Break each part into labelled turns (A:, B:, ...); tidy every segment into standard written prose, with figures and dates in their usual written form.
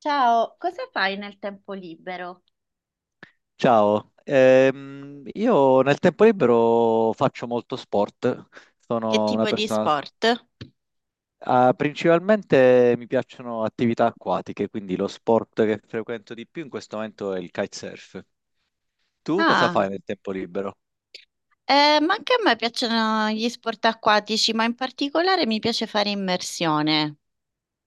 A: Ciao, cosa fai nel tempo libero?
B: Ciao, io nel tempo libero faccio molto sport,
A: Che
B: sono una
A: tipo di
B: persona,
A: sport?
B: principalmente mi piacciono attività acquatiche, quindi lo sport che frequento di più in questo momento è il kitesurf. Tu cosa
A: Ah,
B: fai nel tempo libero?
A: ma anche a me piacciono gli sport acquatici, ma in particolare mi piace fare immersione.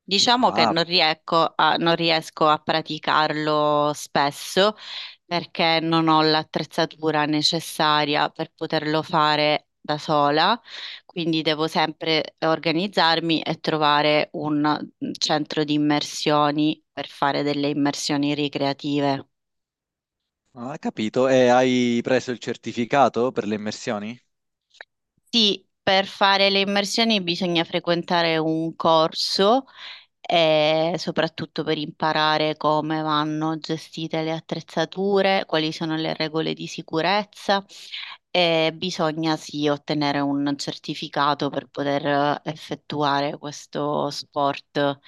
A: Diciamo che
B: Ah,
A: non riesco a praticarlo spesso perché non ho l'attrezzatura necessaria per poterlo fare da sola, quindi devo sempre organizzarmi e trovare un centro di immersioni per fare delle immersioni ricreative.
B: ah, capito, e hai preso il certificato per le immersioni?
A: Sì, per fare le immersioni bisogna frequentare un corso e soprattutto per imparare come vanno gestite le attrezzature, quali sono le regole di sicurezza e bisogna sì ottenere un certificato per poter effettuare questo sport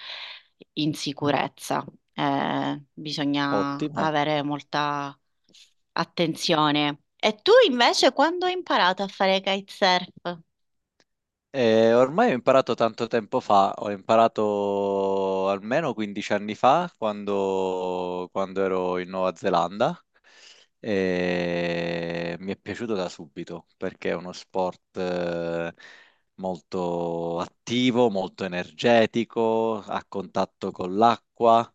A: in sicurezza. Bisogna
B: Ottimo.
A: avere molta attenzione. E tu invece quando hai imparato a fare kitesurf?
B: Ormai ho imparato tanto tempo fa, ho imparato almeno 15 anni fa quando ero in Nuova Zelanda e mi è piaciuto da subito perché è uno sport molto attivo, molto energetico, a contatto con l'acqua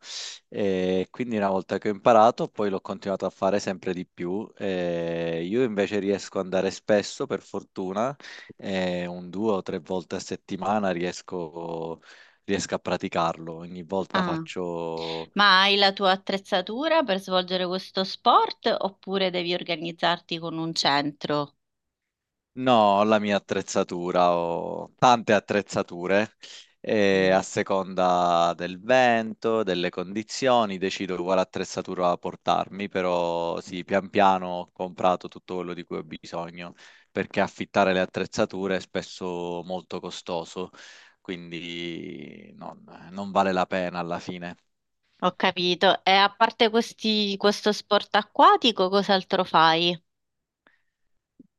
B: e quindi una volta che ho imparato poi l'ho continuato a fare sempre di più. Io invece riesco ad andare spesso per fortuna e un due o tre volte a settimana riesco a praticarlo. Ogni volta
A: Ah.
B: faccio,
A: Ma hai la tua attrezzatura per svolgere questo sport oppure devi organizzarti con un centro?
B: no, ho la mia attrezzatura, ho tante attrezzature e
A: Mm.
B: a seconda del vento, delle condizioni, decido quale attrezzatura portarmi, però sì, pian piano ho comprato tutto quello di cui ho bisogno, perché affittare le attrezzature è spesso molto costoso. Quindi non vale la pena alla fine.
A: Ho capito. E a parte questi, questo sport acquatico, cos'altro fai?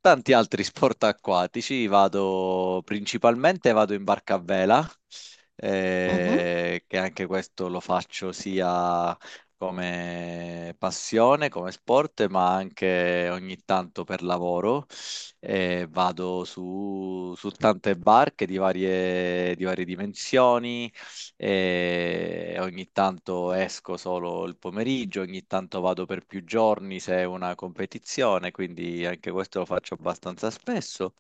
B: Tanti altri sport acquatici, vado principalmente vado in barca a vela,
A: Mhm.
B: che anche questo lo faccio sia come passione, come sport, ma anche ogni tanto per lavoro. Vado su tante barche di di varie dimensioni e ogni tanto esco solo il pomeriggio, ogni tanto vado per più giorni se è una competizione, quindi anche questo lo faccio abbastanza spesso.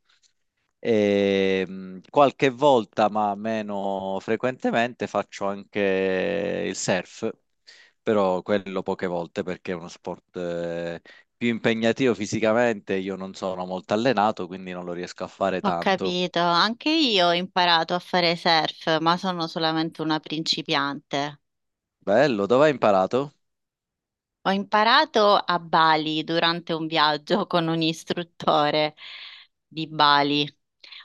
B: Qualche volta, ma meno frequentemente, faccio anche il surf, però quello poche volte perché è uno sport più impegnativo fisicamente. Io non sono molto allenato, quindi non lo riesco a fare
A: Ho
B: tanto.
A: capito. Anche io ho imparato a fare surf, ma sono solamente una principiante.
B: Bello, dove hai imparato?
A: Ho imparato a Bali durante un viaggio con un istruttore di Bali.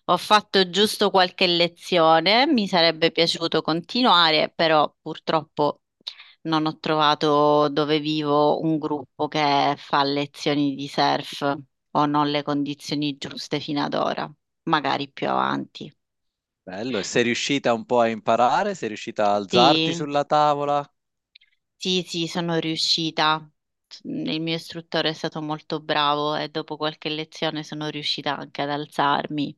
A: Ho fatto giusto qualche lezione, mi sarebbe piaciuto continuare, però purtroppo non ho trovato dove vivo un gruppo che fa lezioni di surf o non le condizioni giuste fino ad ora, magari più avanti.
B: Bello, e sei riuscita un po' a imparare? Sei riuscita a alzarti
A: Sì.
B: sulla tavola?
A: Sì, sì, sono riuscita. Il mio istruttore è stato molto bravo e dopo qualche lezione sono riuscita anche ad alzarmi.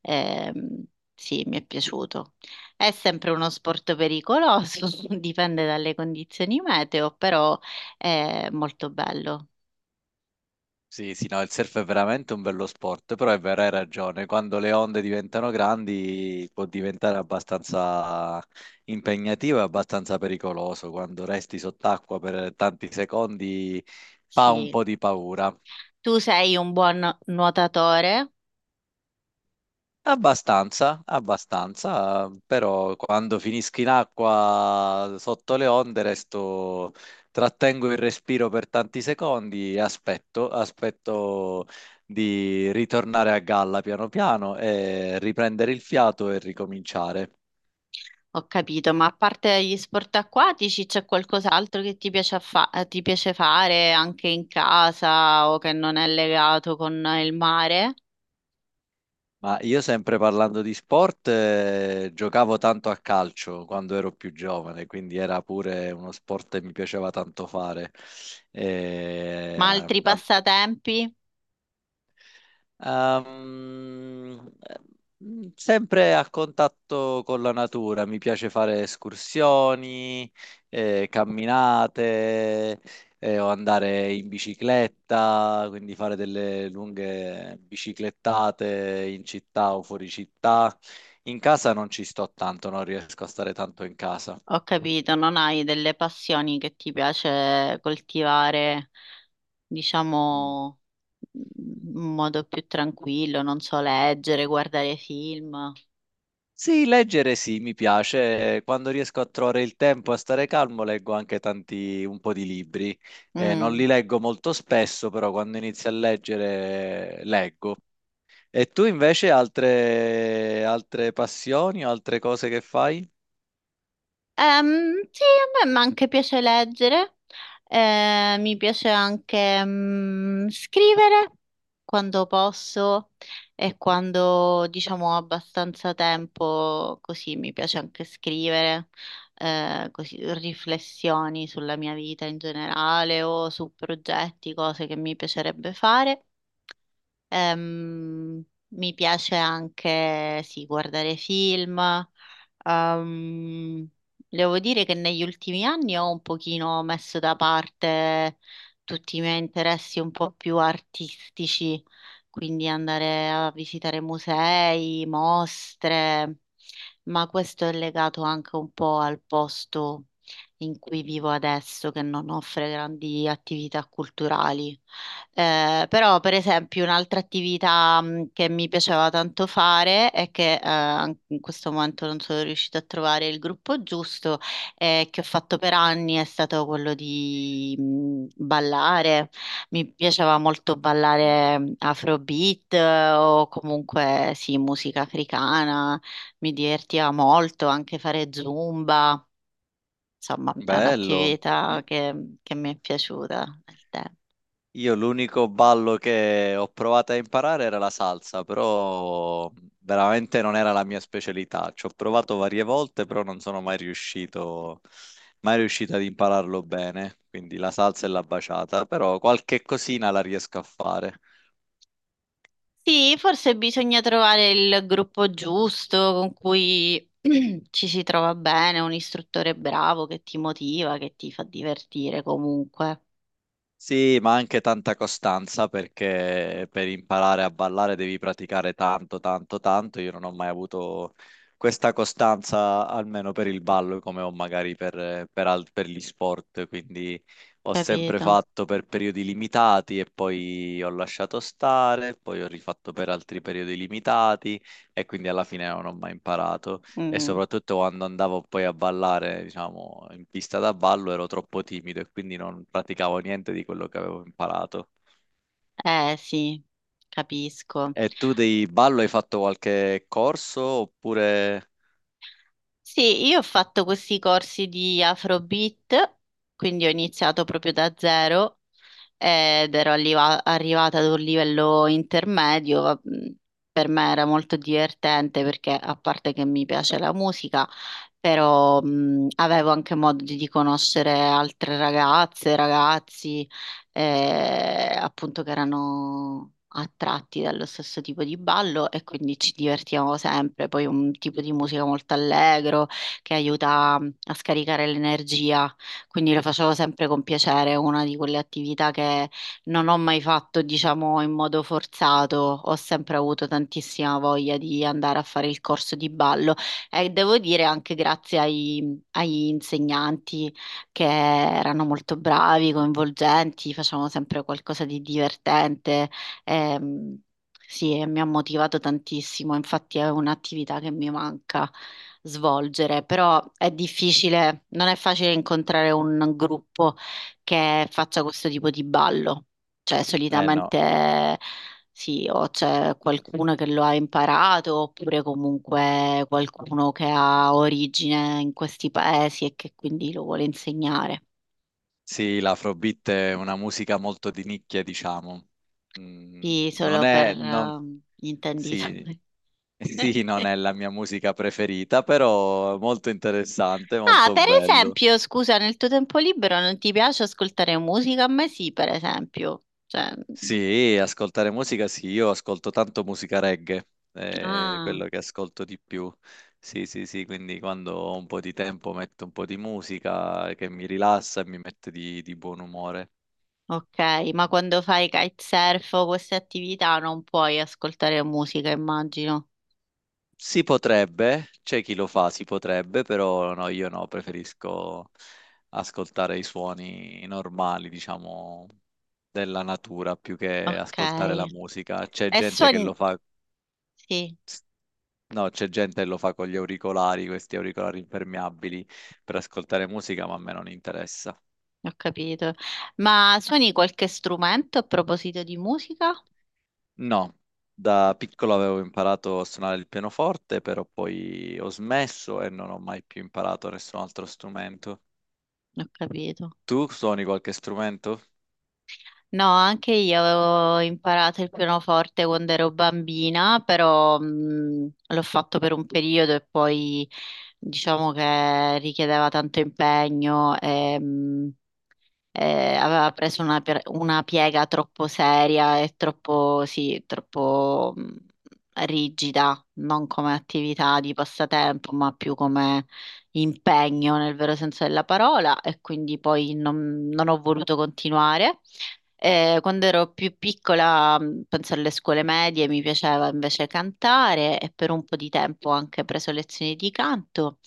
A: Ehm, sì, mi è piaciuto. È sempre uno sport pericoloso, dipende dalle condizioni meteo, però è molto bello.
B: Sì, sì, no, il surf è veramente un bello sport, però è vero, hai ragione, quando le onde diventano grandi può diventare abbastanza impegnativo e abbastanza pericoloso, quando resti sott'acqua per tanti secondi fa un
A: Sì.
B: po' di paura.
A: Tu sei un buon nuotatore?
B: Abbastanza, abbastanza, però quando finisco in acqua sotto le onde resto, trattengo il respiro per tanti secondi e aspetto di ritornare a galla piano piano e riprendere il fiato e ricominciare.
A: Ho capito, ma a parte gli sport acquatici, c'è qualcos'altro che ti piace, ti piace fare anche in casa o che non è legato con il mare?
B: Ma io sempre parlando di sport, giocavo tanto a calcio quando ero più giovane, quindi era pure uno sport che mi piaceva tanto fare. E,
A: Ma altri
B: eh,
A: passatempi?
B: Sempre a contatto con la natura, mi piace fare escursioni, camminate, o andare in bicicletta, quindi fare delle lunghe biciclettate in città o fuori città. In casa non ci sto tanto, non riesco a stare tanto in casa.
A: Ho capito, non hai delle passioni che ti piace coltivare,
B: Mm.
A: diciamo, in modo più tranquillo, non so, leggere, guardare film.
B: Sì, leggere sì, mi piace. Quando riesco a trovare il tempo a stare calmo, leggo anche tanti, un po' di libri. Non li
A: Mm.
B: leggo molto spesso, però quando inizio a leggere, leggo. E tu invece altre passioni o altre cose che fai?
A: Sì, a me ma anche piace leggere, mi piace anche scrivere quando posso e quando diciamo ho abbastanza tempo, così mi piace anche scrivere, così, riflessioni sulla mia vita in generale o su progetti, cose che mi piacerebbe fare. Ehm, Mi piace anche, sì, guardare film. Ehm, Devo dire che negli ultimi anni ho un pochino messo da parte tutti i miei interessi un po' più artistici, quindi andare a visitare musei, mostre, ma questo è legato anche un po' al posto in cui vivo adesso, che non offre grandi attività culturali. Però, per esempio, un'altra attività che mi piaceva tanto fare è che in questo momento non sono riuscita a trovare il gruppo giusto, che ho fatto per anni è stato quello di ballare. Mi piaceva molto
B: Mm.
A: ballare Afrobeat o comunque sì, musica africana, mi divertiva molto anche fare Zumba. Insomma, è
B: Bello.
A: un'attività che mi è piaciuta nel tempo.
B: Io l'unico ballo che ho provato a imparare era la salsa, però veramente non era la mia specialità. Ci ho provato varie volte, però non sono mai riuscito, mai riuscito ad impararlo bene. Quindi la salsa e la baciata, però qualche cosina la riesco a fare.
A: Sì, forse bisogna trovare il gruppo giusto con cui ci si trova bene, un istruttore bravo che ti motiva, che ti fa divertire comunque,
B: Sì, ma anche tanta costanza perché per imparare a ballare devi praticare tanto, tanto, tanto. Io non ho mai avuto questa costanza, almeno per il ballo, come ho magari per gli sport. Quindi ho sempre
A: capito?
B: fatto per periodi limitati e poi ho lasciato stare, poi ho rifatto per altri periodi limitati e quindi alla fine non ho mai imparato. E
A: Mm.
B: soprattutto quando andavo poi a ballare, diciamo, in pista da ballo ero troppo timido e quindi non praticavo niente di quello che avevo imparato.
A: Eh sì, capisco.
B: E tu di ballo hai fatto qualche corso oppure...
A: Sì, io ho fatto questi corsi di Afrobeat, quindi ho iniziato proprio da zero ed ero arrivata ad un livello intermedio. Per me era molto divertente perché, a parte che mi piace la musica, però avevo anche modo di conoscere altre ragazze, ragazzi, appunto che erano attratti dallo stesso tipo di ballo e quindi ci divertivamo sempre. Poi un tipo di musica molto allegro che aiuta a scaricare l'energia quindi lo facevo sempre con piacere, è una di quelle attività che non ho mai fatto, diciamo, in modo forzato, ho sempre avuto tantissima voglia di andare a fare il corso di ballo e devo dire anche grazie agli insegnanti che erano molto bravi, coinvolgenti, facevano sempre qualcosa di divertente. Ehm, sì, e mi ha motivato tantissimo, infatti è un'attività che mi manca svolgere, però è difficile, non è facile incontrare un gruppo che faccia questo tipo di ballo, cioè
B: Eh no,
A: solitamente sì, o c'è qualcuno che lo ha imparato, oppure comunque qualcuno che ha origine in questi paesi e che quindi lo vuole insegnare.
B: sì, l'afrobeat è una musica molto di nicchia, diciamo. Mm,
A: Sì,
B: non
A: solo per
B: è... non-
A: gli
B: Sì,
A: intenditori.
B: sì, non è la mia musica preferita, però è molto interessante,
A: Ah,
B: molto
A: per
B: bello.
A: esempio, scusa, nel tuo tempo libero non ti piace ascoltare musica? A me sì, per esempio. Cioè, mm,
B: Sì, ascoltare musica sì, io ascolto tanto musica reggae, è
A: ah,
B: quello che ascolto di più. Sì, sì, sì, quindi quando ho un po' di tempo metto un po' di musica che mi rilassa e mi mette di buon umore.
A: ok, ma quando fai kitesurf o queste attività non puoi ascoltare musica, immagino.
B: Si potrebbe, c'è chi lo fa, si potrebbe, però no, io no, preferisco ascoltare i suoni normali, diciamo, della natura più che
A: Ok.
B: ascoltare la musica. C'è
A: E
B: gente che
A: suoni...
B: lo fa.
A: Sì,
B: No, c'è gente che lo fa con gli auricolari, questi auricolari impermeabili per ascoltare musica, ma a me non interessa.
A: ho capito. Ma suoni qualche strumento a proposito di musica?
B: No, da piccolo avevo imparato a suonare il pianoforte, però poi ho smesso e non ho mai più imparato nessun altro strumento.
A: Ho capito.
B: Tu suoni qualche strumento?
A: No, anche io avevo imparato il pianoforte quando ero bambina, però l'ho fatto per un periodo e poi diciamo che richiedeva tanto impegno e aveva preso una, una piega troppo seria e troppo, sì, troppo rigida, non come attività di passatempo, ma più come impegno nel vero senso della parola e quindi poi non ho voluto continuare. Quando ero più piccola, penso alle scuole medie, mi piaceva invece cantare e per un po' di tempo ho anche preso lezioni di canto.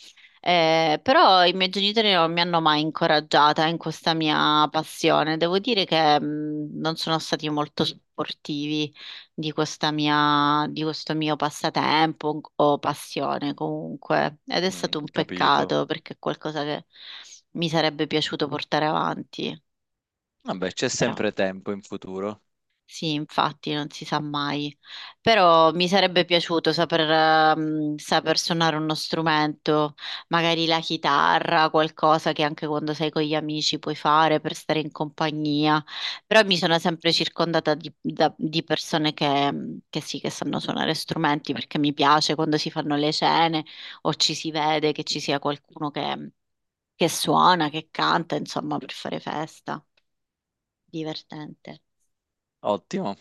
A: Però i miei genitori non mi hanno mai incoraggiata in questa mia passione. Devo dire che non sono stati molto supportivi di questa di questo mio passatempo o passione comunque, ed è
B: Mm,
A: stato un
B: capito.
A: peccato perché è qualcosa che mi sarebbe piaciuto portare avanti,
B: Vabbè, c'è
A: però.
B: sempre tempo in futuro.
A: Sì, infatti, non si sa mai. Però mi sarebbe piaciuto saper, saper suonare uno strumento, magari la chitarra, qualcosa che anche quando sei con gli amici puoi fare per stare in compagnia. Però mi sono sempre circondata di, di persone che, mm, che sì, che sanno suonare strumenti perché mi piace quando si fanno le cene o ci si vede che ci sia qualcuno che suona, che canta, insomma, per fare festa. Divertente.
B: Ottimo.